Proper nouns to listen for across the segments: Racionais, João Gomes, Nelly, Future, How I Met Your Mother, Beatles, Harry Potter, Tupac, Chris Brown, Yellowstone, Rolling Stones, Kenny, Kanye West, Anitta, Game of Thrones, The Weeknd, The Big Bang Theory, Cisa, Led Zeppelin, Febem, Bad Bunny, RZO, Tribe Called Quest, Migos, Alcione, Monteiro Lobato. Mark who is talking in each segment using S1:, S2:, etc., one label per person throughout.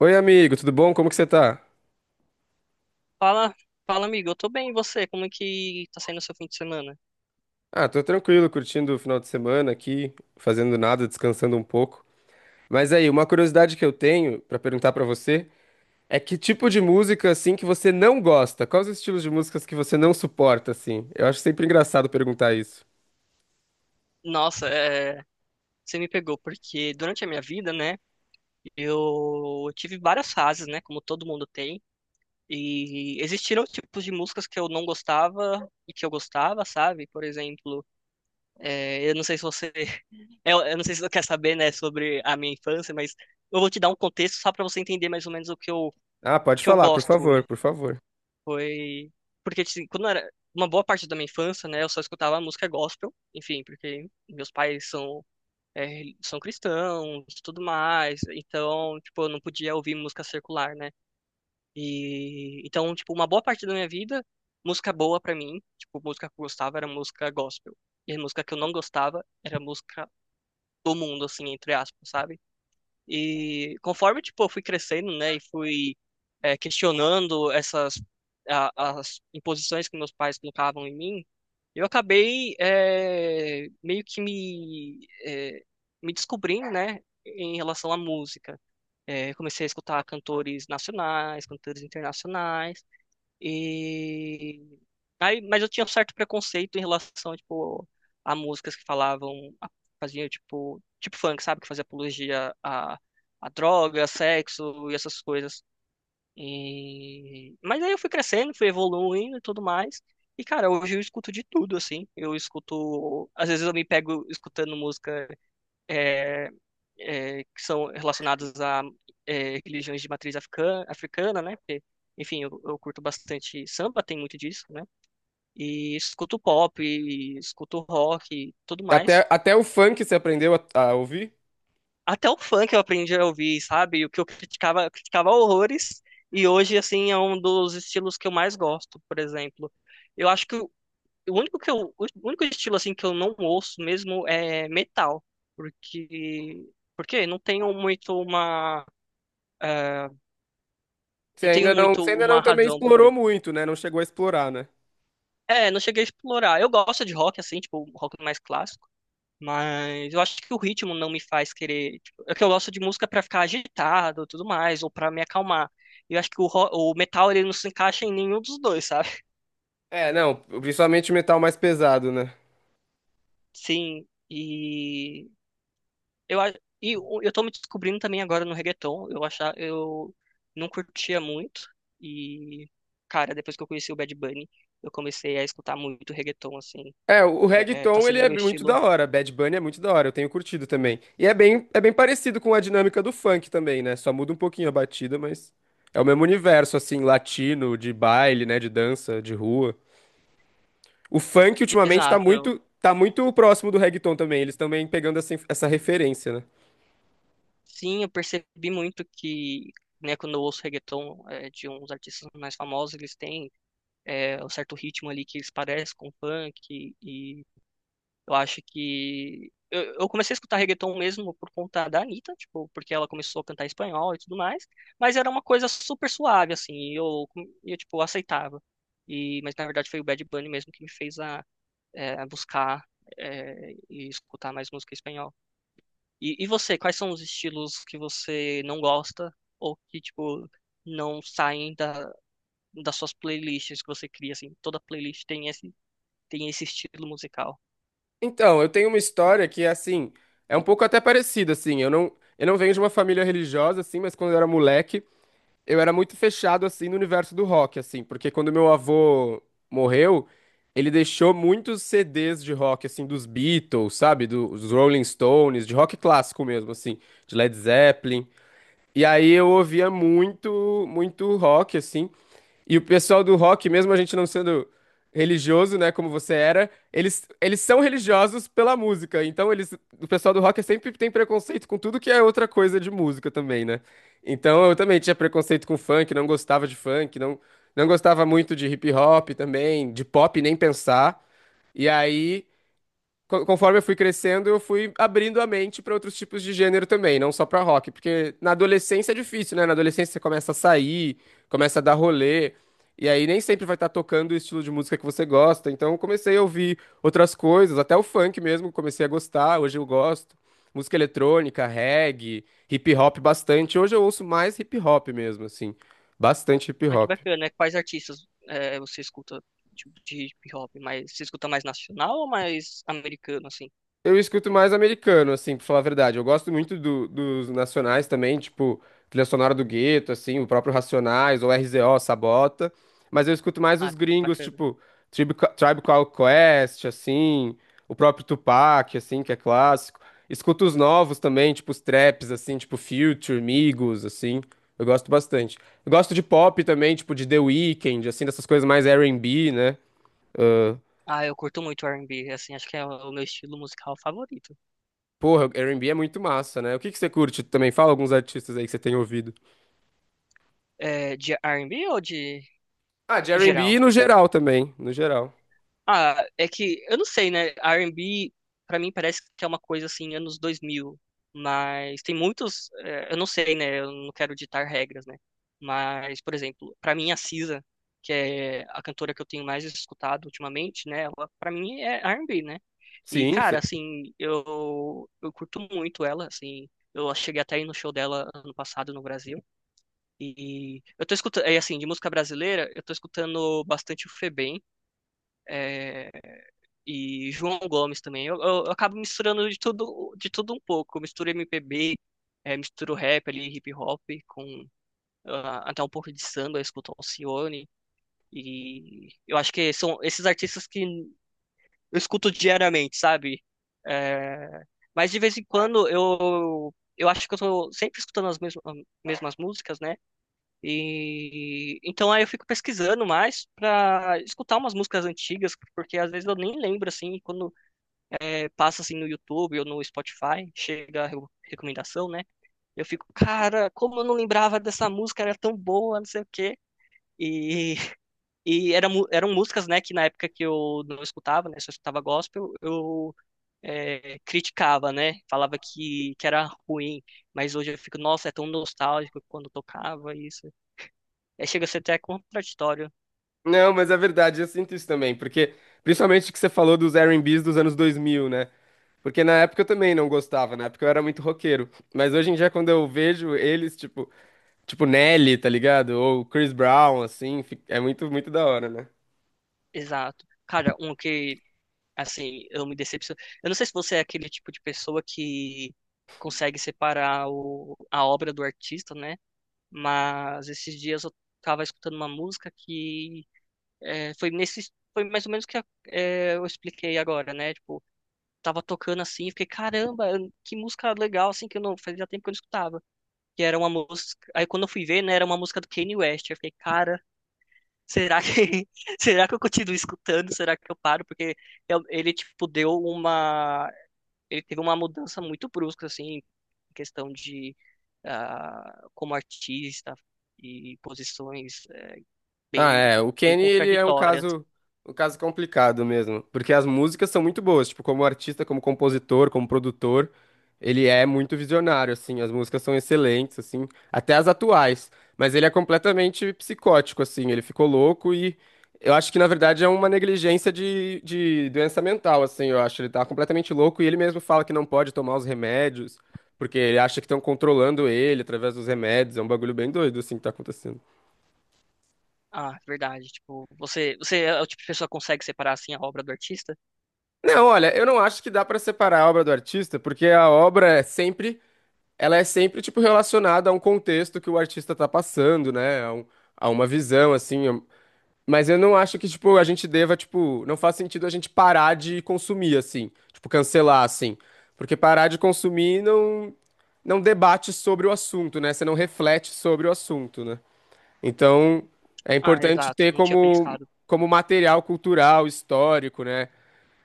S1: Oi, amigo, tudo bom? Como que você tá?
S2: Fala, fala, amigo. Eu tô bem, e você? Como é que tá saindo o seu fim de semana?
S1: Ah, tô tranquilo, curtindo o final de semana aqui, fazendo nada, descansando um pouco. Mas aí, uma curiosidade que eu tenho pra perguntar pra você é que tipo de música assim que você não gosta? Quais os estilos de músicas que você não suporta assim? Eu acho sempre engraçado perguntar isso.
S2: Nossa, você me pegou, porque durante a minha vida, né, eu tive várias fases, né, como todo mundo tem, e existiram tipos de músicas que eu não gostava e que eu gostava, sabe? Por exemplo, eu não sei se você, eu não sei se você quer saber, né, sobre a minha infância, mas eu vou te dar um contexto só pra você entender mais ou menos
S1: Ah, pode
S2: que eu
S1: falar, por
S2: gosto
S1: favor,
S2: hoje.
S1: por favor.
S2: Foi. Porque, assim, quando era uma boa parte da minha infância, né, eu só escutava música gospel, enfim, porque é, são cristãos e tudo mais, então, tipo, eu não podia ouvir música circular, né? E então, tipo, uma boa parte da minha vida, música boa pra mim, tipo, música que eu gostava era música gospel. E a música que eu não gostava era música do mundo, assim, entre aspas, sabe? E conforme, tipo, eu fui crescendo, né, e fui questionando as imposições que meus pais colocavam em mim, eu acabei meio que me descobrindo, né, em relação à música. É, comecei a escutar cantores nacionais, cantores internacionais, e aí, mas eu tinha um certo preconceito em relação, tipo, a músicas que falavam, a- faziam tipo, tipo funk, sabe, que fazia apologia a droga, sexo e essas coisas. E mas aí eu fui crescendo, fui evoluindo e tudo mais. E cara, hoje eu escuto de tudo assim. Eu escuto, às vezes eu me pego escutando música eh, que são relacionados a religiões de matriz africana, africana, né? Porque, enfim, eu curto bastante samba, tem muito disso, né? E escuto pop, e escuto rock, e tudo mais.
S1: Até o funk você aprendeu a ouvir?
S2: Até o funk eu aprendi a ouvir, sabe? O que eu criticava horrores, e hoje, assim, é um dos estilos que eu mais gosto, por exemplo. Eu acho que o único o único estilo, assim, que eu não ouço mesmo é metal, porque, porque não tenho muito uma, eh,
S1: Você
S2: não tenho
S1: ainda não,
S2: muito
S1: você ainda
S2: uma
S1: não também
S2: razão por
S1: explorou
S2: isso.
S1: muito, né? Não chegou a explorar, né?
S2: É, não cheguei a explorar. Eu gosto de rock, assim, tipo, rock mais clássico. Mas eu acho que o ritmo não me faz querer. Tipo, é que eu gosto de música pra ficar agitado e tudo mais, ou pra me acalmar. Eu acho que o metal ele não se encaixa em nenhum dos dois, sabe?
S1: É, não, principalmente metal mais pesado, né?
S2: Sim, e eu, a- e o- eu tô me descobrindo também agora no reggaeton. Eu não curtia muito. E, cara, depois que eu conheci o Bad Bunny, eu comecei a escutar muito reggaeton, assim.
S1: É, o
S2: É, tá
S1: reggaeton, ele
S2: sendo o
S1: é
S2: meu
S1: muito da
S2: estilo.
S1: hora. Bad Bunny é muito da hora, eu tenho curtido também. É bem parecido com a dinâmica do funk também, né? Só muda um pouquinho a batida, mas é o mesmo universo, assim, latino, de baile, né? De dança, de rua. O funk, ultimamente, tá
S2: Exato.
S1: muito, tá muito próximo do reggaeton também. Eles também pegando essa, essa referência, né?
S2: Sim, eu percebi muito que, né, quando eu ouço reggaeton de uns artistas mais famosos, eles têm um certo ritmo ali que eles parecem com funk e, eu acho que eu comecei a escutar reggaeton mesmo por conta da Anitta, tipo, porque ela começou a cantar em espanhol e tudo mais, mas era uma coisa super suave assim, e eu tipo aceitava. E mas na verdade foi o Bad Bunny mesmo que é, a buscar e escutar mais música em espanhol. E você, quais são os estilos que você não gosta ou que, tipo, não saem da, das suas playlists que você cria, assim? Toda playlist tem tem esse estilo musical.
S1: Então, eu tenho uma história que, assim, é um pouco até parecida, assim. Eu não venho de uma família religiosa, assim, mas quando eu era moleque. Eu era muito fechado assim no universo do rock, assim, porque quando meu avô morreu, ele deixou muitos CDs de rock, assim, dos Beatles, sabe? Dos Rolling Stones, de rock clássico mesmo, assim, de Led Zeppelin. E aí eu ouvia muito rock, assim. E o pessoal do rock, mesmo a gente não sendo religioso, né, como você era, eles são religiosos pela música. Então eles, o pessoal do rock sempre tem preconceito com tudo que é outra coisa de música também, né? Então eu também tinha preconceito com funk, não gostava de funk, não gostava muito de hip hop também, de pop nem pensar. E aí Conforme eu fui crescendo, eu fui abrindo a mente para outros tipos de gênero também, não só para rock, porque na adolescência é difícil, né? Na adolescência você começa a sair, começa a dar rolê, e aí nem sempre vai estar tocando o estilo de música que você gosta. Então eu comecei a ouvir outras coisas, até o funk mesmo, comecei a gostar, hoje eu gosto. Música eletrônica, reggae, hip hop bastante. Hoje eu ouço mais hip hop mesmo, assim, bastante hip
S2: Ah, que
S1: hop.
S2: bacana, né? Quais artistas você escuta, tipo, de hip-hop? Mas você escuta mais nacional ou mais americano, assim?
S1: Eu escuto mais americano, assim, pra falar a verdade. Eu gosto muito dos nacionais também, tipo, trilha sonora do Gueto, assim, o próprio Racionais, ou RZO, Sabota. Mas eu escuto mais
S2: Ah,
S1: os gringos,
S2: bacana.
S1: tipo, Tribe Called Quest, assim, o próprio Tupac, assim, que é clássico. Escuto os novos também, tipo, os traps, assim, tipo, Future, Migos, assim. Eu gosto bastante. Eu gosto de pop também, tipo, de The Weeknd, assim, dessas coisas mais R&B, né?
S2: Ah, eu curto muito R&B, assim, acho que é o meu estilo musical favorito.
S1: Porra, R e B é muito massa, né? O que que você curte também? Fala alguns artistas aí que você tem ouvido.
S2: É, de R&B ou de
S1: Ah, de R e B
S2: geral?
S1: no geral também, no geral.
S2: Ah, é que eu não sei, né? R&B pra mim parece que é uma coisa assim anos 2000, mas tem muitos, eu não sei, né? Eu não quero ditar regras, né? Mas, por exemplo, pra mim a Cisa, que é a cantora que eu tenho mais escutado ultimamente, né? Ela para mim é R&B, né? E
S1: Sim,
S2: cara,
S1: cê-
S2: assim, eu curto muito ela, assim, eu cheguei até aí no show dela ano passado no Brasil. E eu tô escutando, é assim, de música brasileira, eu tô escutando bastante o Febem. é, e João Gomes também. Eu acabo misturando de tudo um pouco. Eu misturo MPB, misturo rap ali, hip hop, com ah, até um pouco de samba, eu escuto Alcione. E eu acho que são esses artistas que eu escuto diariamente, sabe? Eh, mas de vez em quando eu. Eu acho que eu tô sempre escutando mesmas músicas, né? E então aí eu fico pesquisando mais pra escutar umas músicas antigas, porque às vezes eu nem lembro assim, quando passa assim no YouTube ou no Spotify, chega a recomendação, né? Eu fico, cara, como eu não lembrava dessa música, era tão boa, não sei o quê. E, eram músicas, né, que na época que eu não escutava, né, só escutava gospel, eu criticava, né, falava que era ruim, mas hoje eu fico, nossa, é tão nostálgico quando tocava isso. É, chega a ser até contraditório.
S1: não, mas é verdade, eu sinto isso também, porque principalmente que você falou dos R&Bs dos anos 2000, né? Porque na época eu também não gostava, na época eu era muito roqueiro, mas hoje em dia quando eu vejo eles, tipo, tipo Nelly, tá ligado? Ou Chris Brown, assim, é muito da hora, né?
S2: Exato. Cara, um que Assim, eu me decepciono. Eu não sei se você é aquele tipo de pessoa que consegue separar a obra do artista, né? Mas esses dias eu tava escutando uma música que foi mais ou menos o que eu expliquei agora, né? Tipo, tava tocando assim, fiquei, caramba, que música legal, assim, que eu não fazia tempo que eu não escutava. Que era uma música. Aí quando eu fui ver, né, era uma música do Kanye West. Eu fiquei, cara, será que será que eu continuo escutando? Será que eu paro? Porque tipo, deu uma ele teve uma mudança muito brusca, assim, em questão de ah, como artista e posições
S1: Ah,
S2: bem,
S1: é. O
S2: bem
S1: Kenny, ele é
S2: contraditórias.
S1: um caso complicado mesmo, porque as músicas são muito boas, tipo, como artista, como compositor, como produtor, ele é muito visionário, assim, as músicas são excelentes, assim, até as atuais, mas ele é completamente psicótico, assim, ele ficou louco e eu acho que, na verdade, é uma negligência de doença mental, assim, eu acho, ele tá completamente louco e ele mesmo fala que não pode tomar os remédios, porque ele acha que estão controlando ele através dos remédios, é um bagulho bem doido, assim, que tá acontecendo.
S2: Ah, é verdade. Tipo, você é o tipo de pessoa que consegue separar assim a obra do artista?
S1: Não, olha, eu não acho que dá pra separar a obra do artista, porque a obra é sempre, ela é sempre tipo relacionada a um contexto que o artista tá passando, né? A uma visão assim. Mas eu não acho que tipo a gente deva tipo, não faz sentido a gente parar de consumir assim, tipo cancelar assim, porque parar de consumir não debate sobre o assunto, né? Você não reflete sobre o assunto, né? Então, é
S2: Ah,
S1: importante
S2: exato.
S1: ter
S2: Não tinha
S1: como
S2: pensado.
S1: como material cultural, histórico, né?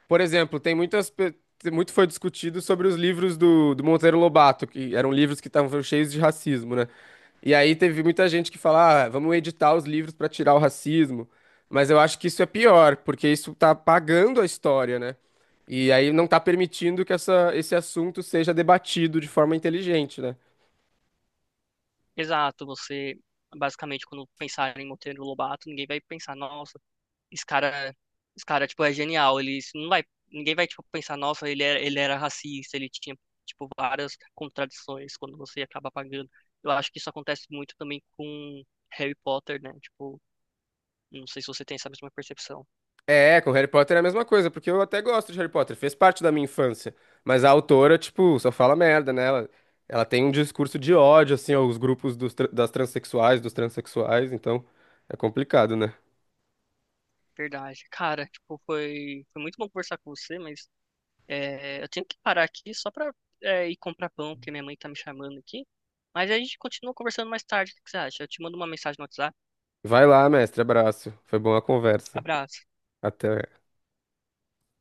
S1: Por exemplo, muito foi discutido sobre os livros do Monteiro Lobato, que eram livros que estavam cheios de racismo, né? E aí teve muita gente que fala, ah, vamos editar os livros para tirar o racismo. Mas eu acho que isso é pior, porque isso tá apagando a história, né? E aí não tá permitindo que essa, esse assunto seja debatido de forma inteligente, né?
S2: Exato. Você, basicamente, quando pensar em Monteiro Lobato, ninguém vai pensar, nossa, esse cara, esse cara, tipo, é genial. Ele isso não vai, ninguém vai, tipo, pensar, nossa, ele era racista, ele tinha, tipo, várias contradições quando você acaba pagando. Eu acho que isso acontece muito também com Harry Potter, né? Tipo, não sei se você tem essa mesma percepção.
S1: É, com Harry Potter é a mesma coisa, porque eu até gosto de Harry Potter, fez parte da minha infância. Mas a autora, tipo, só fala merda, né? Ela tem um discurso de ódio, assim, aos grupos das transexuais, dos transexuais, então é complicado, né?
S2: Verdade. Cara, tipo, foi muito bom conversar com você, mas eu tenho que parar aqui só pra ir comprar pão, porque minha mãe tá me chamando aqui. Mas a gente continua conversando mais tarde, o que que você acha? Eu te mando uma mensagem no WhatsApp.
S1: Vai lá, mestre, abraço. Foi boa a conversa.
S2: Abraço.
S1: Até.